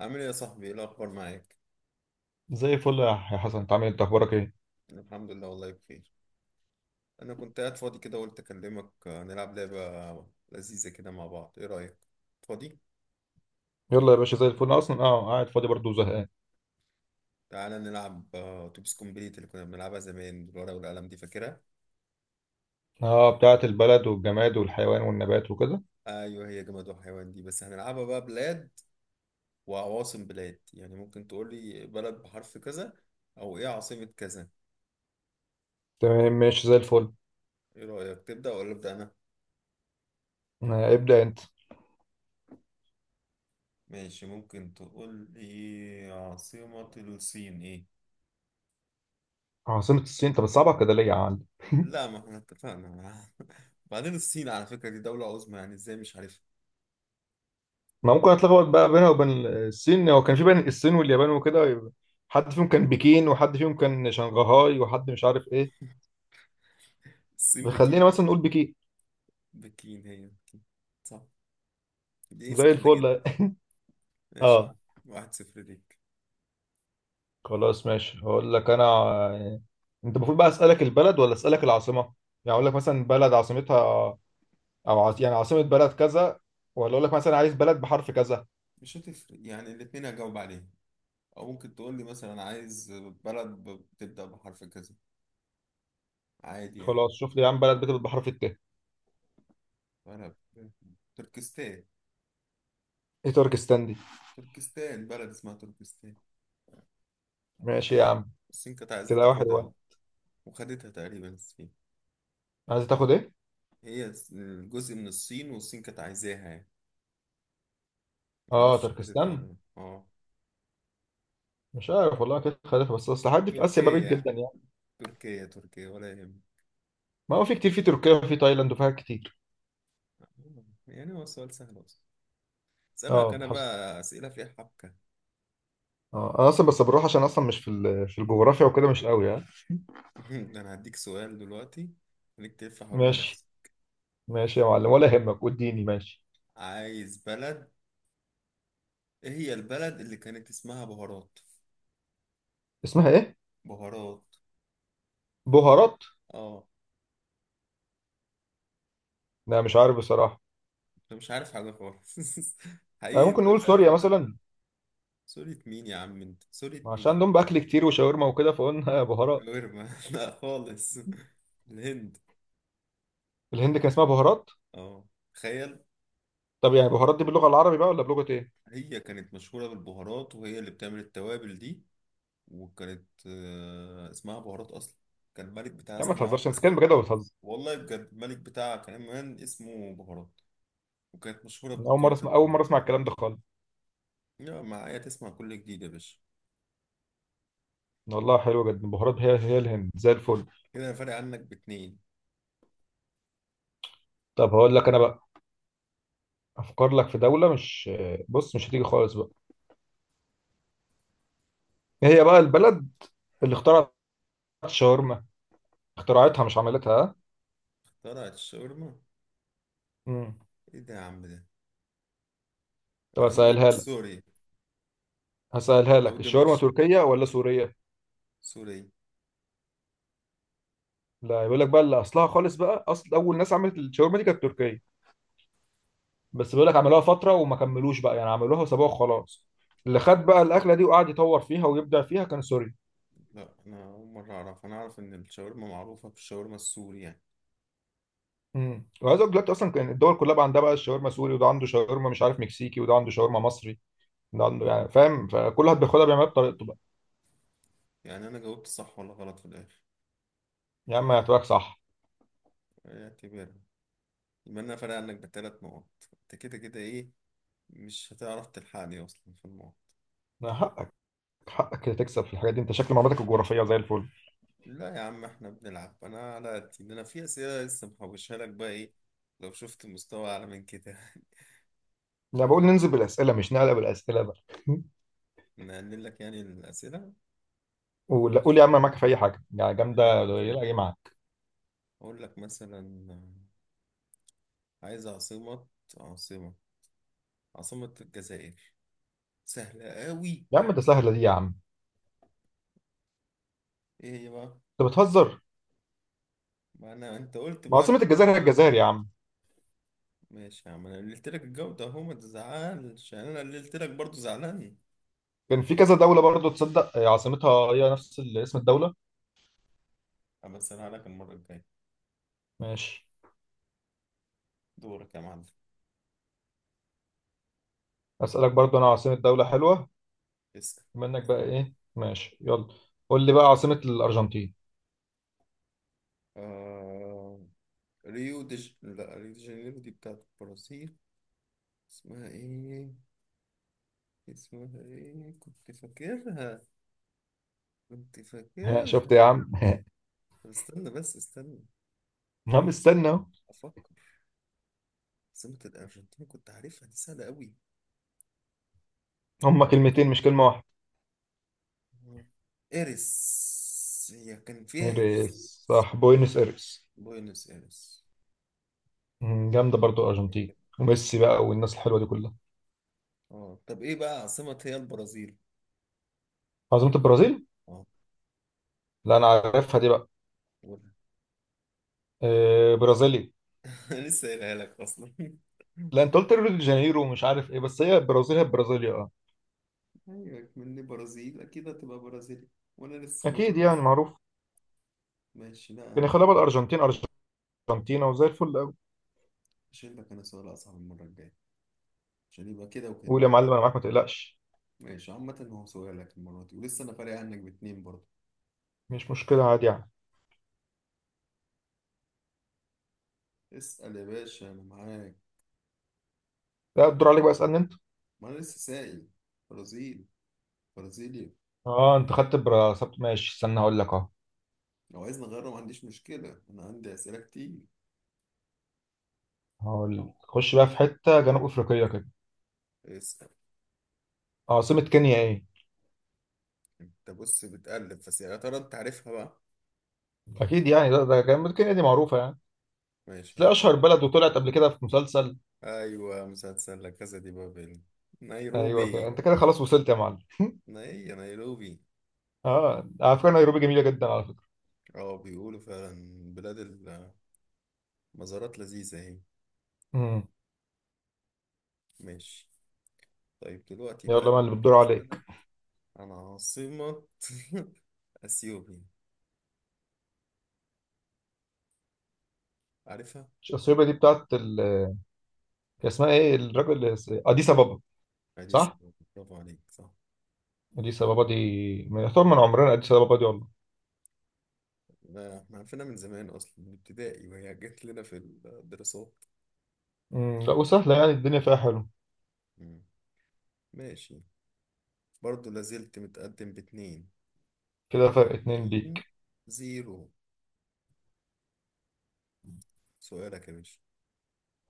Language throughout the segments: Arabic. عامل ايه يا صاحبي؟ ايه الاخبار معاك؟ زي الفل يا حسن، انت عامل إيه؟ انت اخبارك ايه؟ أنا الحمد لله، والله بخير. انا كنت قاعد فاضي كده، قلت اكلمك. نلعب لعبه لذيذه كده مع بعض، ايه رايك؟ فاضي؟ يلا يا باشا، زي الفل، انا اصلا قاعد فاضي برضه وزهقان. تعالى نلعب. اتوبيس كومبليت اللي كنا بنلعبها زمان بالورقه والقلم، دي فاكرها؟ اه، بتاعه البلد والجماد والحيوان والنبات وكده. ايوه هي جماد وحيوان دي، بس هنلعبها بقى بلاد وعواصم بلاد. يعني ممكن تقول لي بلد بحرف كذا او ايه عاصمه كذا. تمام، ماشي، زي الفل. ايه رايك، تبدا ولا ابدا انا؟ آه، ابدا انت. ماشي، ممكن تقول لي عاصمه الصين ايه؟ عاصمة الصين؟ انت بتصعبها كده ليه يا عم؟ لا، ما احنا اتفقنا معاها. بعدين الصين على فكرة دي دولة عظمى، يعني ازاي مش عارفها؟ ما ممكن اتلخبط بقى بينها وبين الصين، هو كان في بين الصين واليابان وكده، يبقى حد فيهم كان بكين وحد فيهم كان شنغهاي وحد مش عارف ايه. الصين خلينا بكين. مثلا نقول بكين. بكين هي بكين. صح. دي زي سهلة جدا. الفل. ماشي يا عم. اه. 1-0 ليك. خلاص ماشي، هقول لك انا، انت المفروض بقى اسالك البلد ولا اسالك العاصمه؟ يعني اقول لك مثلا بلد عاصمتها، او يعني عاصمه بلد كذا، ولا اقول لك مثلا عايز بلد بحرف كذا؟ مش هتفرق يعني، الاتنين هجاوب عليه. او ممكن تقول لي مثلا عايز بلد بتبدأ بحرف كذا، عادي يعني. خلاص، شوف لي يا عم بلد بتبدأ بحرف الت. بلد تركستان. ايه تركستان دي؟ تركستان بلد اسمها تركستان. ماشي يا عم. الصين كانت عايزة كده واحد تاخدها، واحد. وخدتها تقريبا الصين. عايز تاخد ايه؟ هي جزء من الصين، والصين كانت عايزاها يعني. اه، معرفش خدتها ولا تركستان. لأ. اه. مش عارف والله، كده خليفه، بس اصل حد في اسيا بعيد تركيا، جدا يعني. تركيا، تركيا ولا يهم. ما هو في كتير في تركيا وفي تايلاند وفيها كتير. يعني هو سؤال سهل أصلا، أسألك اه، أنا حصل. بقى أسئلة فيها حبكة. اه، انا اصلا بس بروح عشان اصلا مش في الجغرافيا وكده مش قوي يعني. أنا هديك سؤال دلوقتي، خليك تلف حوالين ماشي. نفسك. ماشي يا معلم ولا يهمك، واديني ماشي. عايز بلد، إيه هي البلد اللي كانت اسمها بهارات؟ اسمها ايه؟ بهارات. بهارات. آه. لا مش عارف بصراحه. أنت مش عارف حاجة خالص. آه، حقيقي ممكن أنت مش نقول عارف سوريا حاجة. مثلا. سورية مين يا عم؟ أنت سورية عشان مين؟ عندهم باكل كتير وشاورما وكده، فقلنا بهارات. شاورما؟ لا خالص. الهند. الهند كان اسمها بهارات؟ آه، تخيل. طب يعني بهارات دي باللغه العربي بقى ولا بلغه ايه؟ هي كانت مشهورة بالبهارات، وهي اللي بتعمل التوابل دي. وكانت اسمها بهارات اصلا. كان الملك بتاعها يا عم ما اسمها تهزرش، انت اسمه بتتكلم بجد ولا بتهزر؟ والله بجد الملك بتاعها كمان اسمه بهارات، وكانت مشهورة أنا اول مره بتجارة اسمع، اول البهارات. مره اسمع الكلام ده خالص. يا معايا تسمع كل جديد يا باشا. والله حلوه جدا، بهارات هي هي الهند، زي الفل. كده انا فارق عنك باتنين. طب هقول لك انا بقى، افكر لك في دوله، مش، بص مش هتيجي خالص بقى. إيه هي بقى البلد اللي اخترعت الشاورما؟ اخترعتها مش عملتها، ها؟ اخترعت الشاورما؟ مم. ايه ده يا عم ده. طب يعني نقول اسالها لك سوري، هسألها او لك الشاورما دمشق. تركية ولا سورية؟ سوري. لا، يقول لك بقى اللي اصلها خالص بقى، اصل اول ناس عملت الشاورما دي كانت تركية. بس بيقول لك عملوها فترة وما كملوش بقى، يعني عملوها وسابوها وخلاص. اللي خد بقى الاكلة دي وقعد يطور فيها ويبدع فيها كان سوري. لا انا اول مرة اعرف، انا اعرف ان الشاورما معروفة بالشاورما السوري يعني. وعايز اقول دلوقتي اصلا كان الدول كلها بقى عندها بقى الشاورما سوري، وده عنده شاورما مش عارف مكسيكي، وده عنده شاورما مصري. ده عنده يعني، فاهم، فكل واحد بياخدها بيعملها بطريقته بقى. يعني انا جاوبت صح ولا غلط في الاخر؟ يا عم هتبقى صح. اعتبرها. يبقى انا فارق عنك بثلاث نقط. انت كده كده ايه، مش هتعرف تلحقني اصلا في الموضوع. حقك، حقك كده تكسب في الحاجات دي. انت شكل معلوماتك الجغرافية زي الفل. لا يا عم، احنا بنلعب، انا على قدي. ده انا في اسئله لسه محوشها لك بقى، ايه لو شفت مستوى اعلى من كده. انا بقول ننزل بالاسئلة، مش نعلق بالاسئلة بقى. نقلل لك يعني الاسئله. ولا قول ماشي، يا عم، أنا هقلل معاك في لك اي حاجه يعني، هقلل لك جامده الجو. قليله ايه معاك. اقول لك مثلا، عايز عاصمه عاصمه الجزائر. سهله قوي. يا عم ده سهله دي يا عم، ايه هي بقى؟ انت بتهزر. ما انا انت قلت ما بقى عاصمه اقلل لك الجزائر هي الجو. الجزائر يا عم. ماشي يا عم، انا قللت لك الجو ده اهو، ما تزعلش يعني. انا قللت لك برضه زعلان. كان في كذا دوله برضو تصدق عاصمتها هي نفس اسم الدوله. اما اسالها لك المره الجايه. ماشي. دورك يا معلم، اسالك برضو انا عاصمه دوله حلوه، اسأل. بما انك بقى ايه، ماشي يلا، قول لي بقى عاصمه الارجنتين. آه... ريو دي لا، ريو دي جانيرو دي بتاعت البرازيل. اسمها ايه؟ اسمها ايه؟ كنت فاكرها، كنت ها فاكرها. شفت يا عم ها. طب استنى بس استنى، عم استنى اهو. افكر. عاصمة الارجنتين كنت عارفها، دي سهلة قوي. هما كلمتين مش كلمه واحده. ايرس، هي كان فيها ايرس. ايريس صح، بوينس ايرس. بوينس ايرس. جامده برضو الارجنتين وميسي بقى والناس الحلوه دي كلها. اه طب ايه بقى عاصمة هي البرازيل. عاصمه البرازيل؟ اه، لا انا عارفها دي بقى. قولها. آه، برازيليا. انا لسه قايلها لك اصلا. لا، انت قلت ريو دي جانيرو ومش عارف ايه، بس هي البرازيل هي البرازيليا، اه. ايوه مني برازيل اكيد هتبقى برازيلي، وانا لسه اكيد ناطقها. يعني معروف. ماشي لا كان يخليها انا، بقى الارجنتين، ارجنتينا، وزي الفل قوي. هشيل لك انا سؤال اصعب المره الجايه عشان يبقى كده قول وكده. يا معلم، انا معاك ما تقلقش. ماشي، عامه هو سؤالك المره دي، ولسه انا فارق عنك باتنين برضه. مش مشكله، عادي يعني. اسال يا باشا، انا معاك. لا، الدور عليك بقى، اسالني انت. ما انا لسه سائل. برازيل. برازيليا. اه، انت خدت براسات، ماشي، استنى هقول لك اهو. لو عايز نغيره ما عنديش مشكله، انا عندي اسئله كتير. هقول لك خش بقى في حته جنوب افريقيه كده. اسال. عاصمه كينيا ايه؟ انت بص بتقلب، بس يا ترى انت عارفها بقى؟ اكيد يعني، ده جنوب، كينيا دي معروفه يعني. ماشي يا تلاقي عم. اشهر بلد، وطلعت قبل كده في مسلسل. ايوه مسلسل لا كاسا دي بابل. ايوه كده. نيروبي. انت كده خلاص وصلت يا معلم. نيروبي. اه، على فكره نيروبي جميله جدا، على فكره. اه بيقولوا فعلا، بلاد المزارات لذيذه اهي. امم ماشي. طيب دلوقتي بقى يلا أنا بقى اللي بتدور ممكن عليك. أسألك عن عاصمة أثيوبيا، عارفها؟ اثيوبيا دي بتاعت ال، هي اسمها ايه، الراجل اللي اديس بابا. عادي صح. صعبة، برافو عليك. صح. اديس بابا دي، ما يعتبر من عمرنا اديس بابا دي والله. لا، احنا عارفينها من زمان أصلا، من ابتدائي وهي جت لنا في الدراسات. لا، وسهله يعني، الدنيا فيها حلو. مم. ماشي. برضه لازلت متقدم باتنين. كده فرق اتنين اتنين ليك. زيرو سؤالك يا باشا.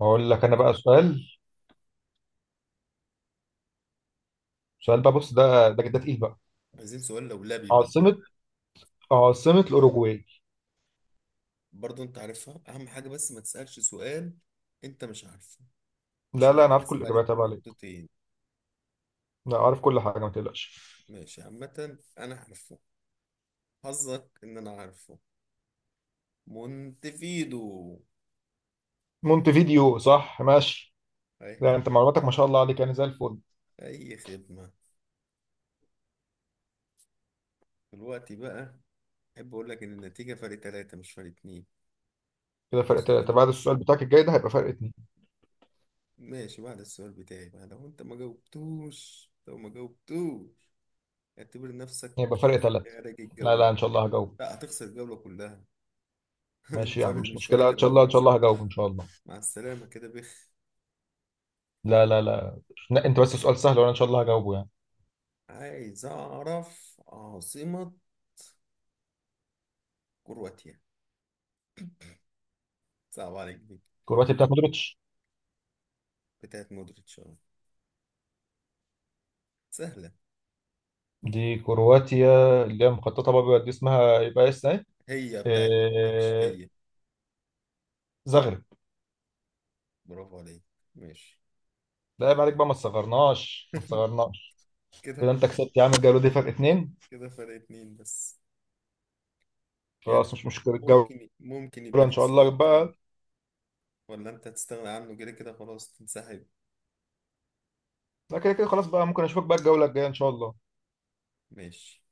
هقول لك انا بقى سؤال، سؤال بقى، بص ده تقيل بقى. عايزين سؤال لولبي بعد كده. عاصمه عاصمه الاوروجواي. برضه أنت عارفها أهم حاجة، بس ما تسألش سؤال أنت مش عارفه لا عشان لا، انا عارف كل هيتحسب عليك الاجابات تبع عليك. بنقطتين. لا، عارف كل حاجه ما تقلقش. ماشي، عامة أنا عارفه. حظك إن أنا عارفه. مونتفيدو. مونتفيديو صح، ماشي. أي لا، خدمة. انت معلوماتك ما شاء الله عليك يعني، زي الفل. أي خدمة. دلوقتي بقى أحب أقول لك إن النتيجة فرق تلاتة مش فرق اتنين. كده فرق تلاته، سؤال. بعد السؤال بتاعك الجاي ده هيبقى فرق اتنين. ماشي، بعد السؤال بتاعي بقى لو أنت ما جاوبتوش، لو ما جاوبتوش اعتبر نفسك هيبقى فرق تلاته. خارج لا لا، الجولة. ان شاء الله هجاوب. لا، هتخسر الجولة كلها. ماشي يا عم، فرق، مش مش فرق مشكله، ان شاء تلاتة الله، ان شاء بس الله ده أنت. هجاوب ان شاء الله. مع السلامة كده، بخ. لا لا لا، لا انت بس سؤال سهل، وانا ان شاء الله هجاوبه يعني. عايز أعرف عاصمة كرواتيا. صعب عليك دي. كرواتيا بتاعت مودريتش. بتاعت مودريتش أهو. سهلة. دي كرواتيا، اللي هي مخططه بقى، دي اسمها يبقى اس ايه. هي بتاعت مودريتش إيه، هي. زغرب. برافو عليك. ماشي. لا عيب عليك بقى، ما تصغرناش ما تصغرناش. كده. كده انت كسبت يا عم الجوله دي، فرق اتنين. كده فرق اتنين بس يعني. خلاص مش مشكله الجوله. ممكن يبقى ان ليك شاء الله سؤال كمان. بقى. ولا انت هتستغنى عنه، كده كده خلاص تنسحب. لا كده كده خلاص بقى، ممكن اشوفك بقى الجوله الجايه ان شاء الله. ماشي.